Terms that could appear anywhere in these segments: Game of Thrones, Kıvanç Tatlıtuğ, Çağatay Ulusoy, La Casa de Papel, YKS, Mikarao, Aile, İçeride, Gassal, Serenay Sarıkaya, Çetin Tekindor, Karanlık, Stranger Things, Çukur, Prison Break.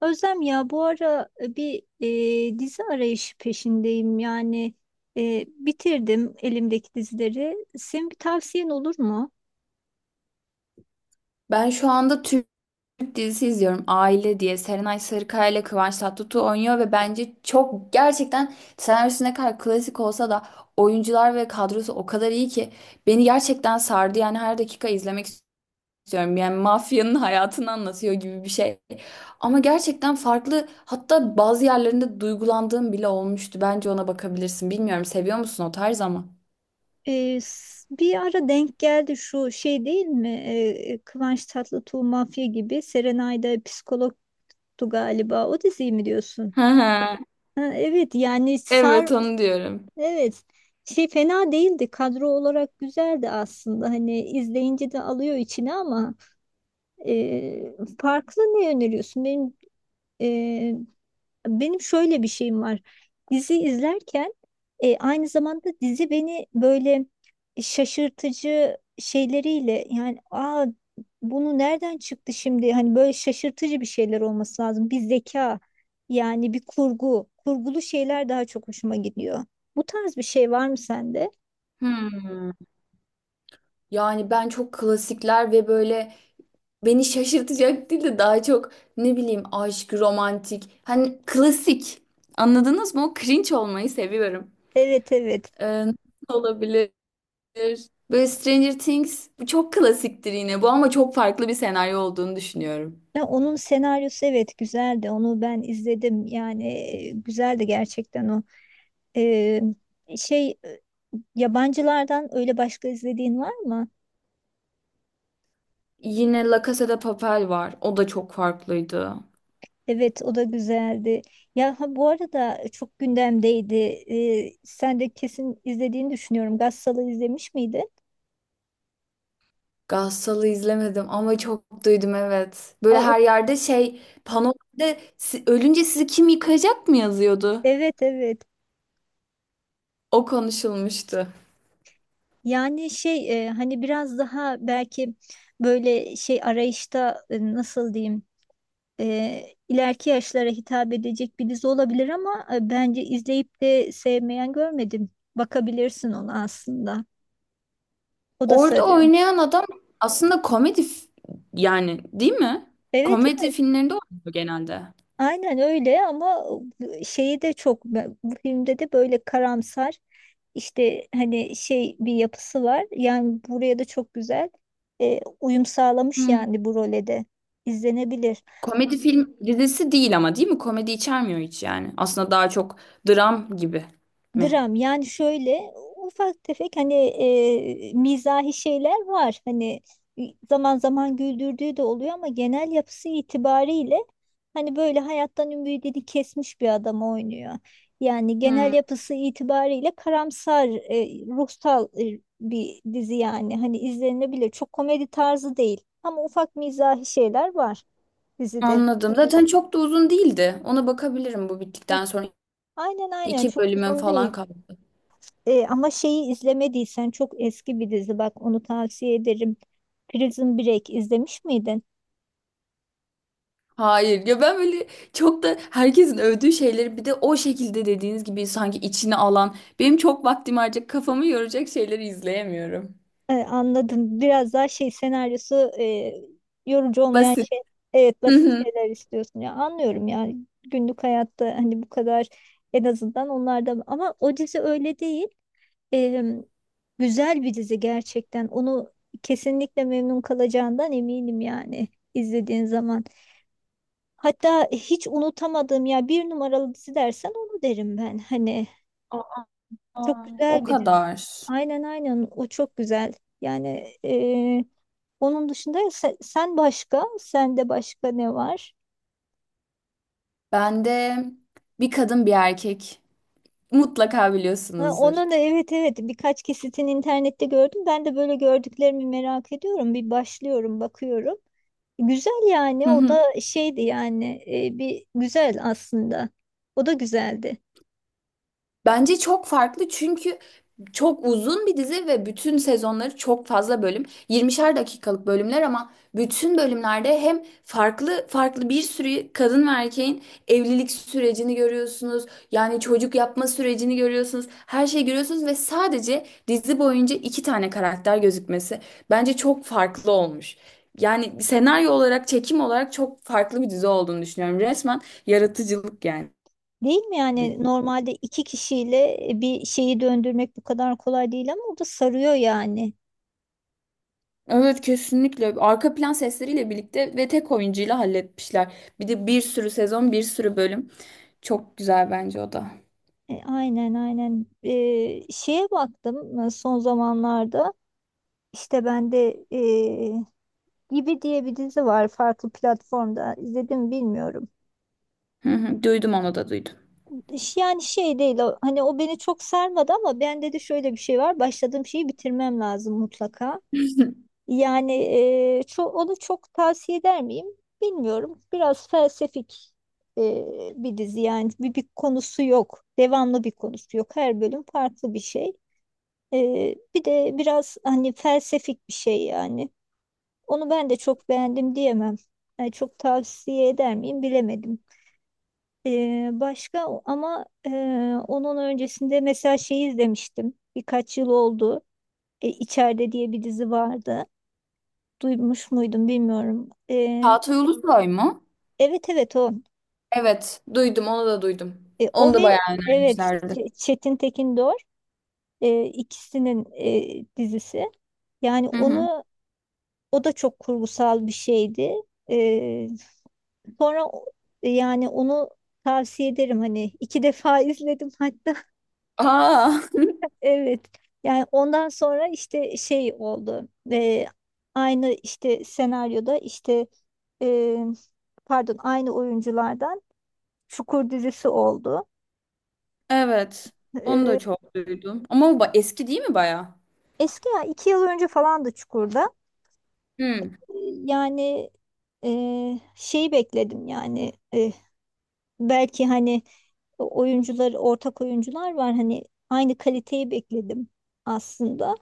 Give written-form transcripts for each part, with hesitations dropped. Özlem ya bu ara bir dizi arayışı peşindeyim. Yani bitirdim elimdeki dizileri. Senin bir tavsiyen olur mu? Ben şu anda Türk dizisi izliyorum. Aile diye. Serenay Sarıkaya ile Kıvanç Tatlıtuğ oynuyor ve bence çok gerçekten senaryosu ne kadar klasik olsa da oyuncular ve kadrosu o kadar iyi ki beni gerçekten sardı. Yani her dakika izlemek istiyorum. Yani mafyanın hayatını anlatıyor gibi bir şey. Ama gerçekten farklı, hatta bazı yerlerinde duygulandığım bile olmuştu. Bence ona bakabilirsin. Bilmiyorum seviyor musun o tarz ama. Bir ara denk geldi şu şey değil mi? Kıvanç Tatlıtuğ Mafya gibi, Serenay'da psikologtu galiba. O diziyi mi diyorsun? Hı hı. Ha, evet yani Evet, onu diyorum. evet, şey fena değildi. Kadro olarak güzeldi aslında. Hani izleyince de alıyor içine ama farklı ne öneriyorsun? Ee, benim şöyle bir şeyim var. Dizi izlerken aynı zamanda dizi beni böyle şaşırtıcı şeyleriyle yani, aa, bunu nereden çıktı şimdi? Hani böyle şaşırtıcı bir şeyler olması lazım. Bir zeka yani bir kurgulu şeyler daha çok hoşuma gidiyor. Bu tarz bir şey var mı sende? Hmm. Yani ben çok klasikler ve böyle beni şaşırtacak değil de daha çok ne bileyim aşk, romantik. Hani klasik. Anladınız mı? O cringe olmayı seviyorum. Evet, evet. Nasıl olabilir? Böyle Stranger Things, bu çok klasiktir yine bu, ama çok farklı bir senaryo olduğunu düşünüyorum. Ya onun senaryosu, evet, güzeldi. Onu ben izledim. Yani güzeldi gerçekten o. Ee, Şey, yabancılardan öyle başka izlediğin var mı? Yine La Casa de Papel var. O da çok farklıydı. Evet, o da güzeldi. Ya ha, bu arada çok gündemdeydi. Sen de kesin izlediğini düşünüyorum. Gassal'ı izlemiş miydin? Gassal'ı izlemedim ama çok duydum, evet. Aa, Böyle her yerde, şey, panolarda Ölünce sizi kim yıkayacak" mı yazıyordu. evet, evet. O konuşulmuştu. Yani şey, hani biraz daha belki böyle şey arayışta, nasıl diyeyim, e, ileriki yaşlara hitap edecek bir dizi olabilir ama bence izleyip de sevmeyen görmedim. Bakabilirsin ona aslında. O da Orada sarıyor. oynayan adam aslında komedi yani, değil mi? Evet, Komedi evet. filmlerinde oynuyor genelde. Aynen öyle ama şeyi de çok bu filmde de böyle karamsar işte hani şey bir yapısı var. Yani buraya da çok güzel uyum sağlamış Hmm. yani bu role de izlenebilir. Komedi film dizisi değil ama, değil mi? Komedi içermiyor hiç yani. Aslında daha çok dram gibi mi? Dram yani şöyle ufak tefek hani mizahi şeyler var. Hani zaman zaman güldürdüğü de oluyor ama genel yapısı itibariyle hani böyle hayattan ümidini kesmiş bir adam oynuyor. Yani genel Hmm. yapısı itibariyle karamsar, ruhsal, bir dizi yani. Hani izlenebilir. Çok komedi tarzı değil ama ufak mizahi şeyler var dizide. Anladım. Zaten çok da uzun değildi. Ona bakabilirim bu Ö- bittikten sonra. Aynen, aynen, İki çok bölümün uzun falan değil. kaldı. Ama şeyi izlemediysen çok eski bir dizi, bak onu tavsiye ederim. Prison Break izlemiş miydin? Hayır ya, ben böyle çok da herkesin övdüğü şeyleri, bir de o şekilde dediğiniz gibi sanki içine alan, benim çok vaktimi harcayacak, kafamı yoracak şeyleri izleyemiyorum. Anladım. Biraz daha şey, senaryosu yorucu olmayan Basit. şey. Evet, Hı basit hı. şeyler istiyorsun ya, anlıyorum ya, günlük hayatta hani bu kadar, en azından onlarda, ama o dizi öyle değil. E, Güzel bir dizi gerçekten, onu kesinlikle memnun kalacağından eminim yani, izlediğin zaman. Hatta hiç unutamadığım, ya bir numaralı dizi dersen onu derim ben. Hani çok Aa, o güzel bir dizi. kadar. Aynen, aynen, o çok güzel. Yani onun dışında, sen, başka, sende başka ne var? Bende bir kadın bir erkek, mutlaka Ha, biliyorsunuzdur. onun da, evet, evet, birkaç kesitini internette gördüm. Ben de böyle gördüklerimi merak ediyorum. Bir başlıyorum, bakıyorum. Güzel yani, Hı o hı. da şeydi yani, bir güzel aslında. O da güzeldi. Bence çok farklı, çünkü çok uzun bir dizi ve bütün sezonları çok fazla bölüm. 20'şer dakikalık bölümler ama bütün bölümlerde hem farklı farklı bir sürü kadın ve erkeğin evlilik sürecini görüyorsunuz. Yani çocuk yapma sürecini görüyorsunuz. Her şeyi görüyorsunuz ve sadece dizi boyunca iki tane karakter gözükmesi bence çok farklı olmuş. Yani senaryo olarak, çekim olarak çok farklı bir dizi olduğunu düşünüyorum. Resmen yaratıcılık yani. Değil mi yani, normalde iki kişiyle bir şeyi döndürmek bu kadar kolay değil ama o da sarıyor yani. Evet, kesinlikle. Arka plan sesleriyle birlikte ve tek oyuncuyla halletmişler. Bir de bir sürü sezon, bir sürü bölüm. Çok güzel bence o da. Aynen, aynen. Şeye baktım, son zamanlarda, işte ben de, Gibi diye bir dizi var, farklı platformda izledim bilmiyorum. Hı hı, duydum, onu da duydum. Yani şey değil o, hani o beni çok sarmadı ama bende de şöyle bir şey var, başladığım şeyi bitirmem lazım mutlaka. Yani, onu çok tavsiye eder miyim bilmiyorum. Biraz felsefik, bir dizi yani, bir konusu yok. Devamlı bir konusu yok. Her bölüm farklı bir şey. Bir de biraz hani felsefik bir şey yani. Onu ben de çok beğendim diyemem. Yani çok tavsiye eder miyim bilemedim. Başka ama onun öncesinde mesela şeyi izlemiştim. Birkaç yıl oldu. İçeride diye bir dizi vardı. Duymuş muydum bilmiyorum. Çağatay Ulusoy mu? Evet, evet, o. Evet, duydum, onu da duydum. O Onu da bayağı ve evet, önermişlerdi. Çetin Tekindor, ikisinin dizisi. Yani Hı hı. onu, o da çok kurgusal bir şeydi. Ee, Sonra, yani onu tavsiye ederim hani, iki defa izledim hatta. Aa, Evet. Yani ondan sonra işte şey oldu. Aynı işte senaryoda, işte, e, pardon, aynı oyunculardan Çukur dizisi oldu. evet. Onu da Ee, çok duydum. Ama bu eski değil mi bayağı? Eski ya, 2 yıl önce falan da Çukur'da. Hı. Ee, Yani, e, şeyi bekledim yani, belki hani oyuncular, ortak oyuncular var hani, aynı kaliteyi bekledim aslında.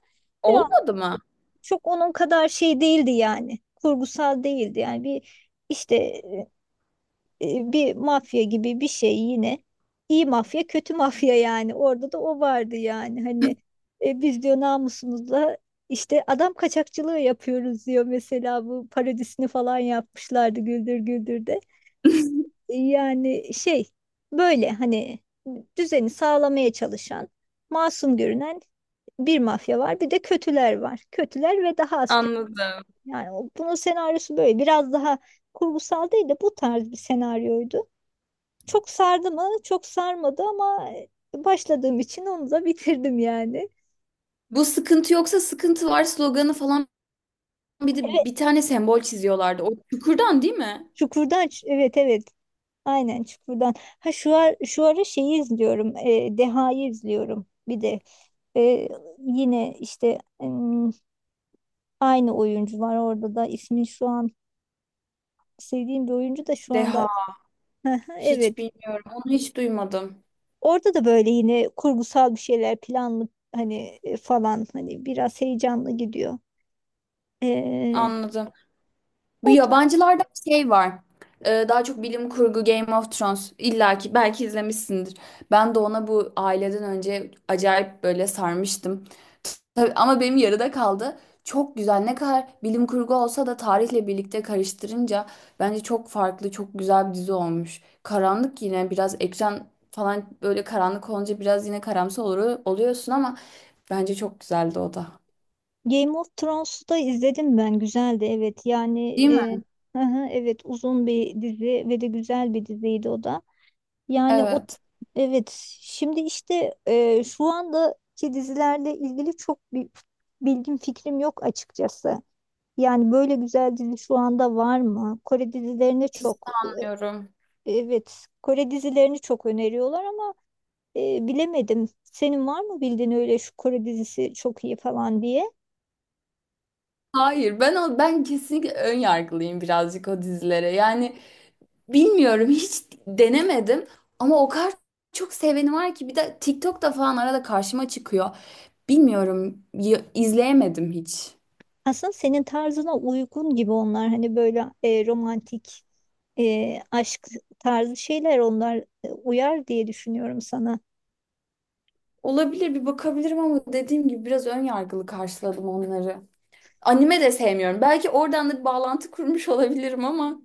Biraz, Olmadı mı? çok onun kadar şey değildi yani, kurgusal değildi yani, bir işte bir mafya gibi bir şey yine. İyi mafya, kötü mafya yani. Orada da o vardı yani. Hani biz diyor namusumuzla işte adam kaçakçılığı yapıyoruz diyor, mesela bu parodisini falan yapmışlardı Güldür Güldür'de. Yani şey böyle hani düzeni sağlamaya çalışan, masum görünen bir mafya var, bir de kötüler var. Kötüler ve daha az kötü. Anladım. Yani bunun senaryosu böyle biraz daha kurgusal değil de bu tarz bir senaryoydu. Çok sardı mı? Çok sarmadı ama başladığım için onu da bitirdim yani. Bu sıkıntı yoksa sıkıntı var sloganı falan, bir de bir tane sembol çiziyorlardı. O çukurdan, değil mi? Çukurdan, evet, evet. Aynen, Çukurdan. Ha, şu ara şeyi izliyorum. Deha'yı izliyorum. Bir de e, yine işte, aynı oyuncu var orada da, ismin şu an sevdiğim bir oyuncu da şu Deha. anda hı hı, Hiç evet. bilmiyorum. Onu hiç duymadım. Orada da böyle yine kurgusal bir şeyler, planlı hani, falan hani biraz heyecanlı gidiyor. E, Anladım. Bu o yabancılarda bir şey var. Daha çok bilim kurgu, Game of Thrones. İlla ki belki izlemişsindir. Ben de ona bu aileden önce acayip böyle sarmıştım. Tabii, ama benim yarıda kaldı. Çok güzel. Ne kadar bilim kurgu olsa da tarihle birlikte karıştırınca bence çok farklı, çok güzel bir dizi olmuş. Karanlık yine biraz, ekran falan böyle karanlık olunca biraz yine karamsar olur, oluyorsun, ama bence çok güzeldi o da. Game of Thrones'u da izledim ben. Güzeldi evet. Yani Değil mi? hı hı, evet, uzun bir dizi ve de güzel bir diziydi o da. Yani o, Evet. evet, şimdi işte şu andaki dizilerle ilgili çok bir bilgim, fikrim yok açıkçası. Yani böyle güzel dizi şu anda var mı? Kore dizilerini Hiç. çok Anlıyorum. e, Evet, Kore dizilerini çok öneriyorlar ama bilemedim. Senin var mı bildiğin, öyle şu Kore dizisi çok iyi falan diye? Hayır, ben o ben kesinlikle ön yargılıyım birazcık o dizilere. Yani bilmiyorum, hiç denemedim ama o kadar çok seveni var ki, bir de TikTok'ta falan arada karşıma çıkıyor. Bilmiyorum, izleyemedim hiç. Aslında senin tarzına uygun gibi onlar. Hani böyle, romantik, aşk tarzı şeyler onlar, uyar diye düşünüyorum sana. Olabilir, bir bakabilirim ama dediğim gibi biraz ön yargılı karşıladım onları. Anime de sevmiyorum. Belki oradan da bir bağlantı kurmuş olabilirim ama.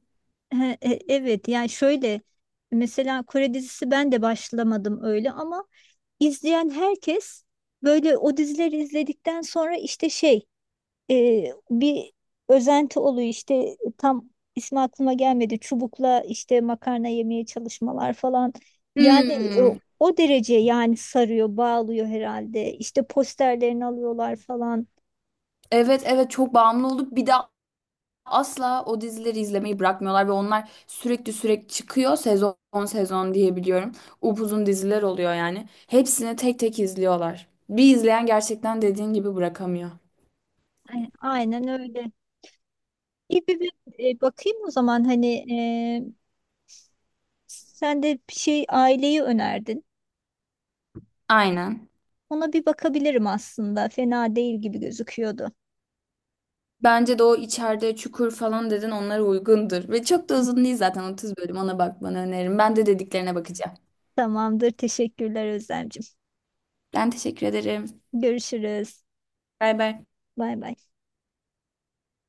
He, evet yani şöyle, mesela Kore dizisi ben de başlamadım öyle ama izleyen herkes böyle o dizileri izledikten sonra işte şey, e, bir özenti oluyor işte, tam ismi aklıma gelmedi, çubukla işte makarna yemeye çalışmalar falan yani, e, Hmm, o derece yani, sarıyor bağlıyor herhalde, işte posterlerini alıyorlar falan. Evet, evet, çok bağımlı olduk. Bir de asla o dizileri izlemeyi bırakmıyorlar ve onlar sürekli sürekli çıkıyor, sezon sezon diyebiliyorum. Upuzun diziler oluyor yani. Hepsini tek tek izliyorlar. Bir izleyen gerçekten dediğin gibi bırakamıyor. Aynen öyle. İyi, bir bakayım o zaman, hani sen de bir şey, aileyi önerdin, Aynen. ona bir bakabilirim, aslında fena değil gibi gözüküyordu. Bence de o içeride, çukur falan dedin, onlara uygundur. Ve çok da uzun değil zaten, 30 bölüm, ona bakmanı öneririm. Ben de dediklerine bakacağım. Tamamdır, teşekkürler Özlemciğim, Ben teşekkür ederim. görüşürüz, Bay bay. bay bay.